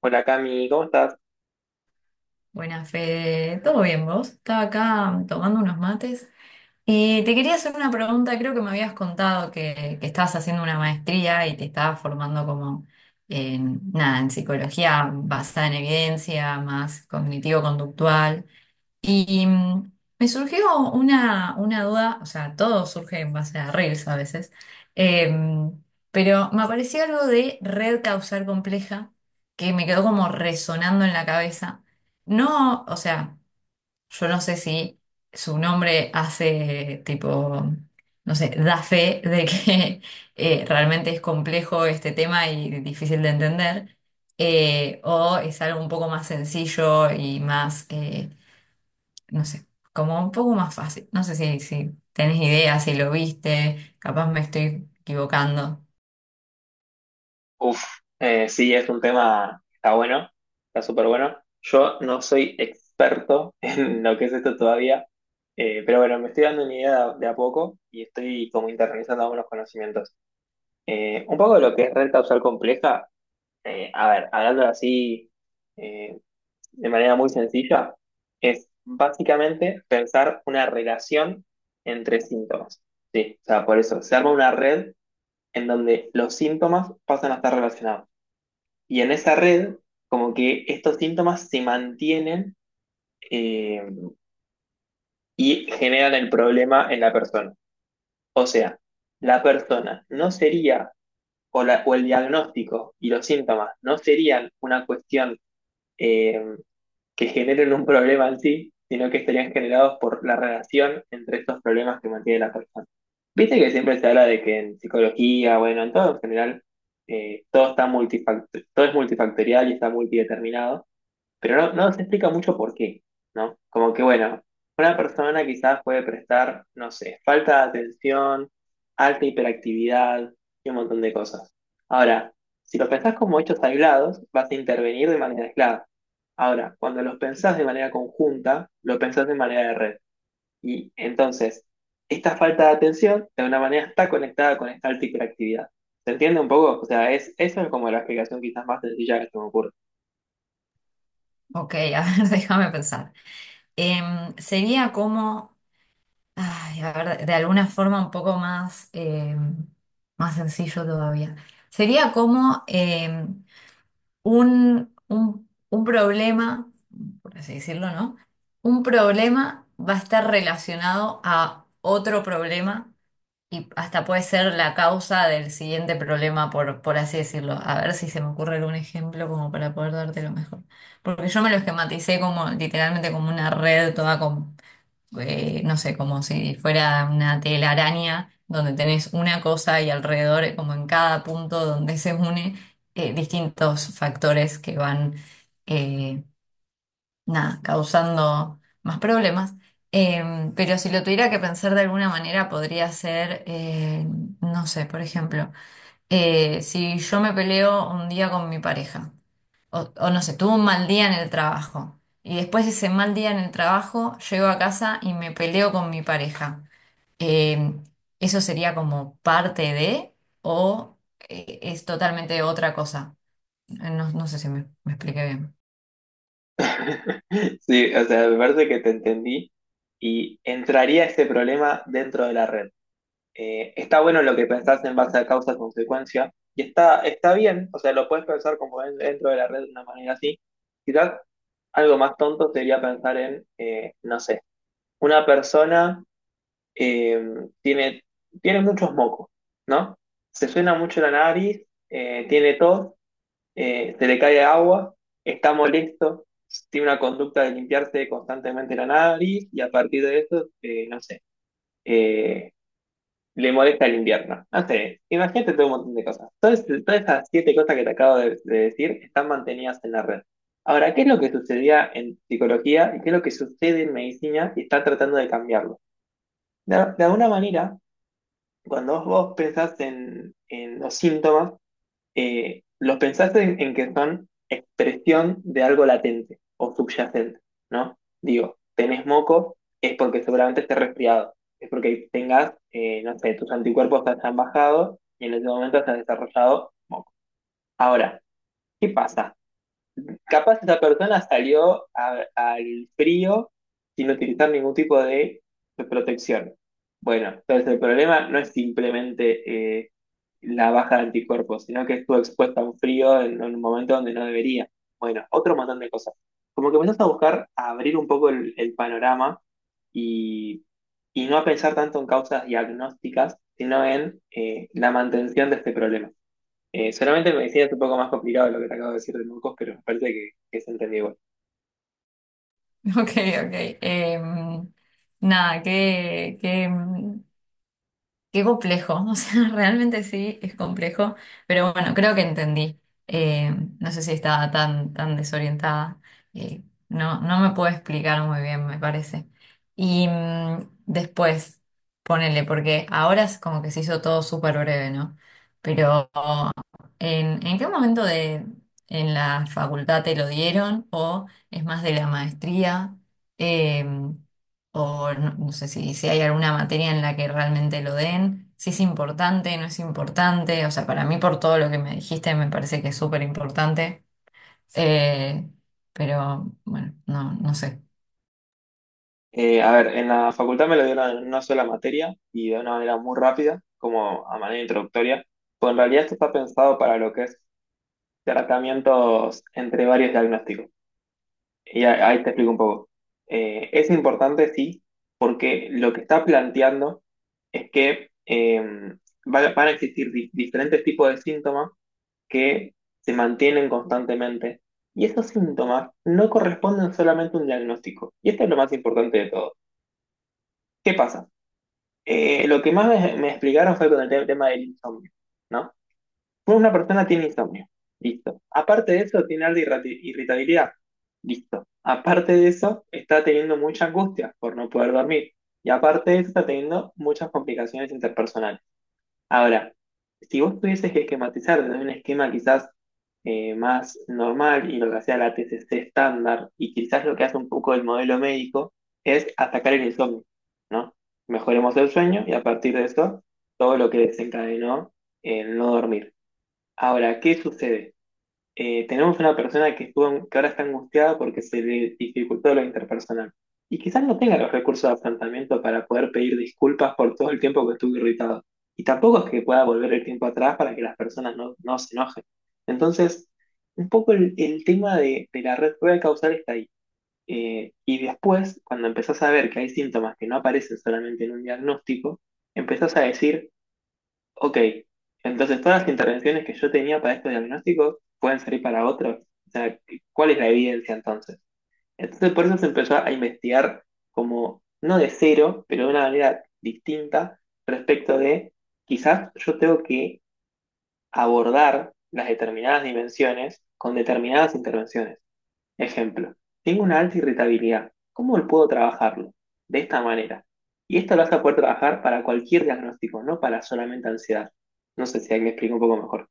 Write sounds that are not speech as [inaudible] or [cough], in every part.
Hola Cami, ¿cómo estás? Buenas, Fede. ¿Todo bien vos? Estaba acá tomando unos mates. Y te quería hacer una pregunta. Creo que me habías contado que estabas haciendo una maestría y te estabas formando como en, nada, en psicología basada en evidencia, más cognitivo-conductual. Y me surgió una duda, o sea, todo surge en base a reels a veces, em, pero me apareció algo de red causal compleja que me quedó como resonando en la cabeza. No, o sea, yo no sé si su nombre hace tipo, no sé, da fe de que [laughs] realmente es complejo este tema y difícil de entender, o es algo un poco más sencillo y más... no sé, como un poco más fácil. No sé si tenés idea, si lo viste, capaz me estoy equivocando. Uf, sí, es un tema, está bueno, está súper bueno. Yo no soy experto [laughs] en lo que es esto todavía, pero bueno, me estoy dando una idea de a poco y estoy como internalizando algunos conocimientos. Un poco de lo que es red causal compleja, a ver, hablando así eh, de manera muy sencilla, es básicamente pensar una relación entre síntomas. Sí, o sea, por eso se arma una red en donde los síntomas pasan a estar relacionados. Y en esa red, como que estos síntomas se mantienen eh, y generan el problema en la persona. O sea, la persona no sería, o, o el diagnóstico y los síntomas no serían una cuestión eh, que generen un problema en sí, sino que estarían generados por la relación entre estos problemas que mantiene la persona. Viste que siempre se habla de que en psicología, bueno, en todo en general, todo, está todo es multifactorial y está multideterminado pero no se explica mucho por qué, ¿no? Como que, bueno, una persona quizás puede prestar, no sé, falta de atención, alta hiperactividad y un montón de cosas. Ahora, si los pensás como hechos aislados, vas a intervenir de manera aislada. Ahora, cuando los pensás de manera conjunta, lo pensás de manera de red. Y entonces, esta falta de atención de una manera está conectada con esta alta hiperactividad. ¿Se entiende un poco? O sea, es, eso es como la explicación quizás más sencilla que se me ocurre. Ok, [laughs] a ver, déjame pensar. Sería como, ay, a ver, de alguna forma un poco más, más sencillo todavía. Sería como un problema, por así decirlo, ¿no? Un problema va a estar relacionado a otro problema. Y hasta puede ser la causa del siguiente problema, por así decirlo. A ver si se me ocurre algún ejemplo como para poder dártelo mejor. Porque yo me lo esquematicé como literalmente como una red toda con, no sé, como si fuera una telaraña donde tenés una cosa y alrededor, como en cada punto donde se une, distintos factores que van, eh, nada, causando más problemas. Pero si lo tuviera que pensar de alguna manera, podría ser, no sé, por ejemplo, si yo me peleo un día con mi pareja, o, o no sé, tuve un mal día en el trabajo, y después de ese mal día en el trabajo, llego a casa y me peleo con mi pareja. Em, ¿Eso sería como parte de, o es totalmente otra cosa? No, no sé si me expliqué bien. [laughs] Sí, o sea, me parece que te entendí y entraría este problema dentro de la red. Está bueno lo que pensás en base a causa-consecuencia y está, está bien, o sea, lo puedes pensar como dentro de la red de una manera así. Quizás algo más tonto sería pensar en, no sé, una persona eh, tiene, tiene muchos mocos, ¿no? Se suena mucho la nariz, tiene tos, se le cae agua, está molesto, tiene una conducta de limpiarse constantemente la nariz y a partir de eso, no sé, eh, le molesta el invierno. No sé, imagínate todo un montón de cosas. Todas, todas esas 7 cosas que te acabo de decir están mantenidas en la red. Ahora, ¿qué es lo que sucedía en psicología y qué es lo que sucede en medicina y está tratando de cambiarlo? De alguna manera, cuando vos pensás en los síntomas, los pensás en que son expresión de algo latente o subyacente, ¿no? Digo, tenés moco, es porque seguramente estés resfriado, es porque tengas, no sé, tus anticuerpos se han bajado y en ese momento se ha desarrollado moco. Ahora, ¿qué pasa? Capaz esa persona salió al frío sin utilizar ningún tipo de protección. Bueno, entonces el problema no es simplemente la baja de anticuerpos, sino que estuvo expuesta a un frío en un momento donde no debería. Bueno, otro montón de cosas. Como que empezás a buscar a abrir un poco el panorama y, y no a pensar tanto en causas diagnósticas, sino en la mantención de este problema. Solamente el medicina es un poco más complicado lo que te acabo de decir de mocos, pero me parece que se entendió igual. [laughs] Ok, ok. Nada, qué complejo. [laughs] O sea, realmente sí, es complejo. Pero bueno, creo que entendí. No sé si estaba tan desorientada. Eh, no, no me puedo explicar muy bien, me parece. Y después, ponele, porque ahora es como que se hizo todo súper breve, ¿no? Pero ¿en, en qué momento de en la facultad te lo dieron? ¿O es más de la maestría? Em, o no, no sé si hay alguna materia en la que realmente lo den, si es importante, no es importante. O sea, para mí, por todo lo que me dijiste, me parece que es súper importante. Eh, pero bueno, no, no sé. A ver, en la facultad me lo dieron en una sola materia y de una manera muy rápida, como a manera introductoria, pues en realidad esto está pensado para lo que es tratamientos entre varios diagnósticos. Y ahí te explico un poco. Es importante, sí, porque lo que está planteando es que van a existir diferentes tipos de síntomas que se mantienen constantemente. Y esos síntomas no corresponden solamente a un diagnóstico. Y esto es lo más importante de todo. ¿Qué pasa? Lo que más me explicaron fue con el tema del insomnio, ¿no? Una persona tiene insomnio, listo. Aparte de eso, tiene alta irritabilidad, listo. Aparte de eso, está teniendo mucha angustia por no poder dormir. Y aparte de eso, está teniendo muchas complicaciones interpersonales. Ahora, si vos tuvieses que esquematizar desde un esquema quizás más normal y lo que hacía la TCC estándar y quizás lo que hace un poco el modelo médico es atacar el insomnio, ¿no? Mejoremos el sueño y a partir de eso todo lo que desencadenó en no dormir. Ahora, ¿qué sucede? Tenemos una persona que, estuvo, que ahora está angustiada porque se le dificultó lo interpersonal. Y quizás no tenga los recursos de afrontamiento para poder pedir disculpas por todo el tiempo que estuvo irritado. Y tampoco es que pueda volver el tiempo atrás para que las personas no, no se enojen. Entonces, un poco el tema de la red rueda causal está ahí. Y después, cuando empezás a ver que hay síntomas que no aparecen solamente en un diagnóstico, empezás a decir ok, entonces todas las intervenciones que yo tenía para estos diagnósticos pueden salir para otros. O sea, ¿cuál es la evidencia entonces? Entonces por eso se empezó a investigar como, no de cero, pero de una manera distinta respecto de, quizás yo tengo que abordar las determinadas dimensiones con determinadas intervenciones. Ejemplo, tengo una alta irritabilidad. ¿Cómo puedo trabajarlo? De esta manera. Y esto lo vas a poder trabajar para cualquier diagnóstico, no para solamente ansiedad. No sé si ahí me explico un poco mejor.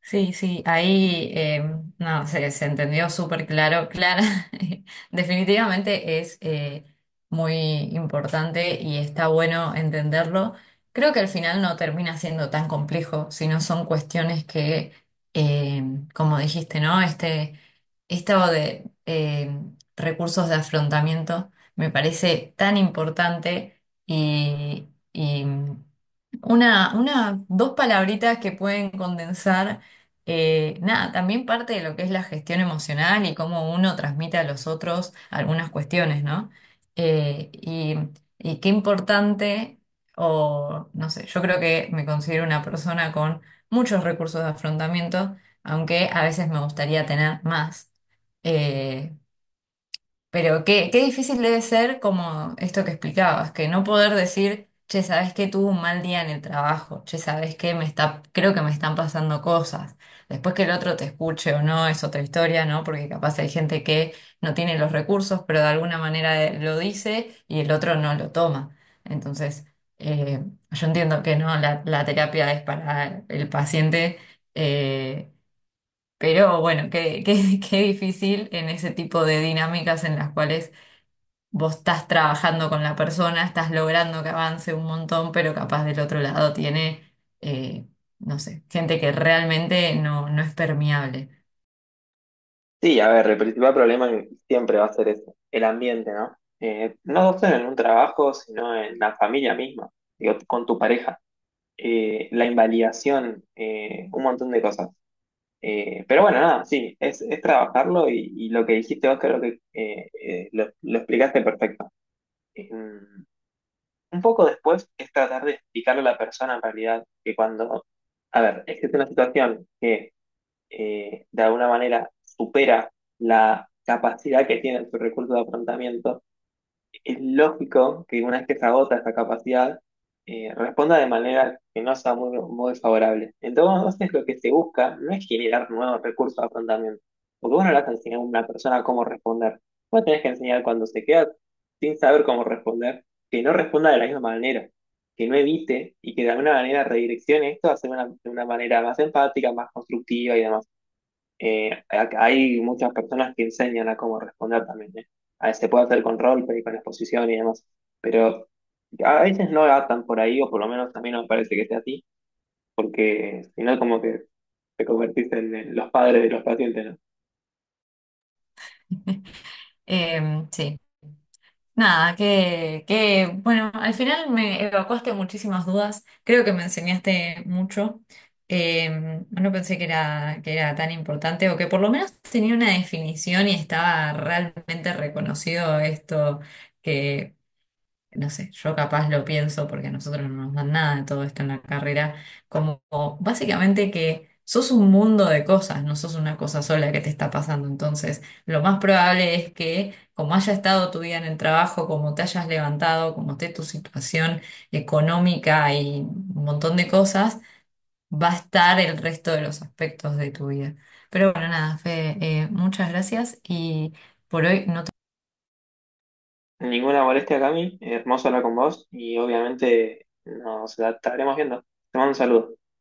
Sí, sí, ahí no, se entendió súper claro, Clara. [laughs] Definitivamente es muy importante y está bueno entenderlo. Creo que al final no termina siendo tan complejo, sino son cuestiones que, eh, como dijiste, ¿no? Este, esto de recursos de afrontamiento me parece tan importante y dos palabritas que pueden condensar, nada, también parte de lo que es la gestión emocional y cómo uno transmite a los otros algunas cuestiones, ¿no? Y, y qué importante, o no sé, yo creo que me considero una persona con muchos recursos de afrontamiento, aunque a veces me gustaría tener más. Eh, pero qué difícil debe ser como esto que explicabas, que no poder decir: "Che, ¿sabes que tuve un mal día en el trabajo? Che, ¿sabes que me está, creo que me están pasando cosas?". Después que el otro te escuche o no, es otra historia, ¿no? Porque capaz hay gente que no tiene los recursos, pero de alguna manera lo dice y el otro no lo toma. Entonces, eh, yo entiendo que no, la terapia es para el paciente. eh, pero bueno, [laughs] qué difícil en ese tipo de dinámicas en las cuales vos estás trabajando con la persona, estás logrando que avance un montón, pero capaz del otro lado tiene, eh, no sé, gente que realmente no, no es permeable. Sí, a ver, el principal problema siempre va a ser ese, el ambiente, ¿no? No solo en un trabajo, sino en la familia misma, digo, con tu pareja. La invalidación, un montón de cosas. Pero bueno, nada, sí, es trabajarlo y lo que dijiste vos creo que lo explicaste perfecto. Eh, un poco después es tratar de explicarle a la persona en realidad que cuando, a ver, existe una situación que de alguna manera supera la capacidad que tiene su recurso de afrontamiento, es lógico que una vez que se agota esa capacidad, responda de manera que no sea muy, muy favorable. Entonces, lo que se busca no es generar nuevos recursos de afrontamiento, porque vos no le vas a enseñar a una persona cómo responder. Vos tenés que enseñar cuando se queda sin saber cómo responder, que no responda de la misma manera, que no evite y que de alguna manera redireccione esto a ser una, de una manera más empática, más constructiva y demás. Hay muchas personas que enseñan a cómo responder también, ¿eh? A- Se puede hacer con roleplay, con exposición y demás, pero a veces no atan por ahí, o por lo menos a mí no me parece que sea así, porque si no, como que te convertís en los padres de los pacientes, ¿no? [laughs] Sí. Nada, bueno, al final me evacuaste muchísimas dudas, creo que me enseñaste mucho. No pensé que era tan importante o que por lo menos tenía una definición y estaba realmente reconocido esto. No sé, yo capaz lo pienso porque a nosotros no nos dan nada de todo esto en la carrera, como básicamente que sos un mundo de cosas, no sos una cosa sola que te está pasando. Entonces, lo más probable es que como haya estado tu día en el trabajo, como te hayas levantado, como esté tu situación económica y un montón de cosas, va a estar el resto de los aspectos de tu vida. Pero bueno, nada, Fede, muchas gracias y por hoy no Ninguna molestia, Cami, hermoso hablar con vos y obviamente nos estaremos viendo. Te mando un saludo.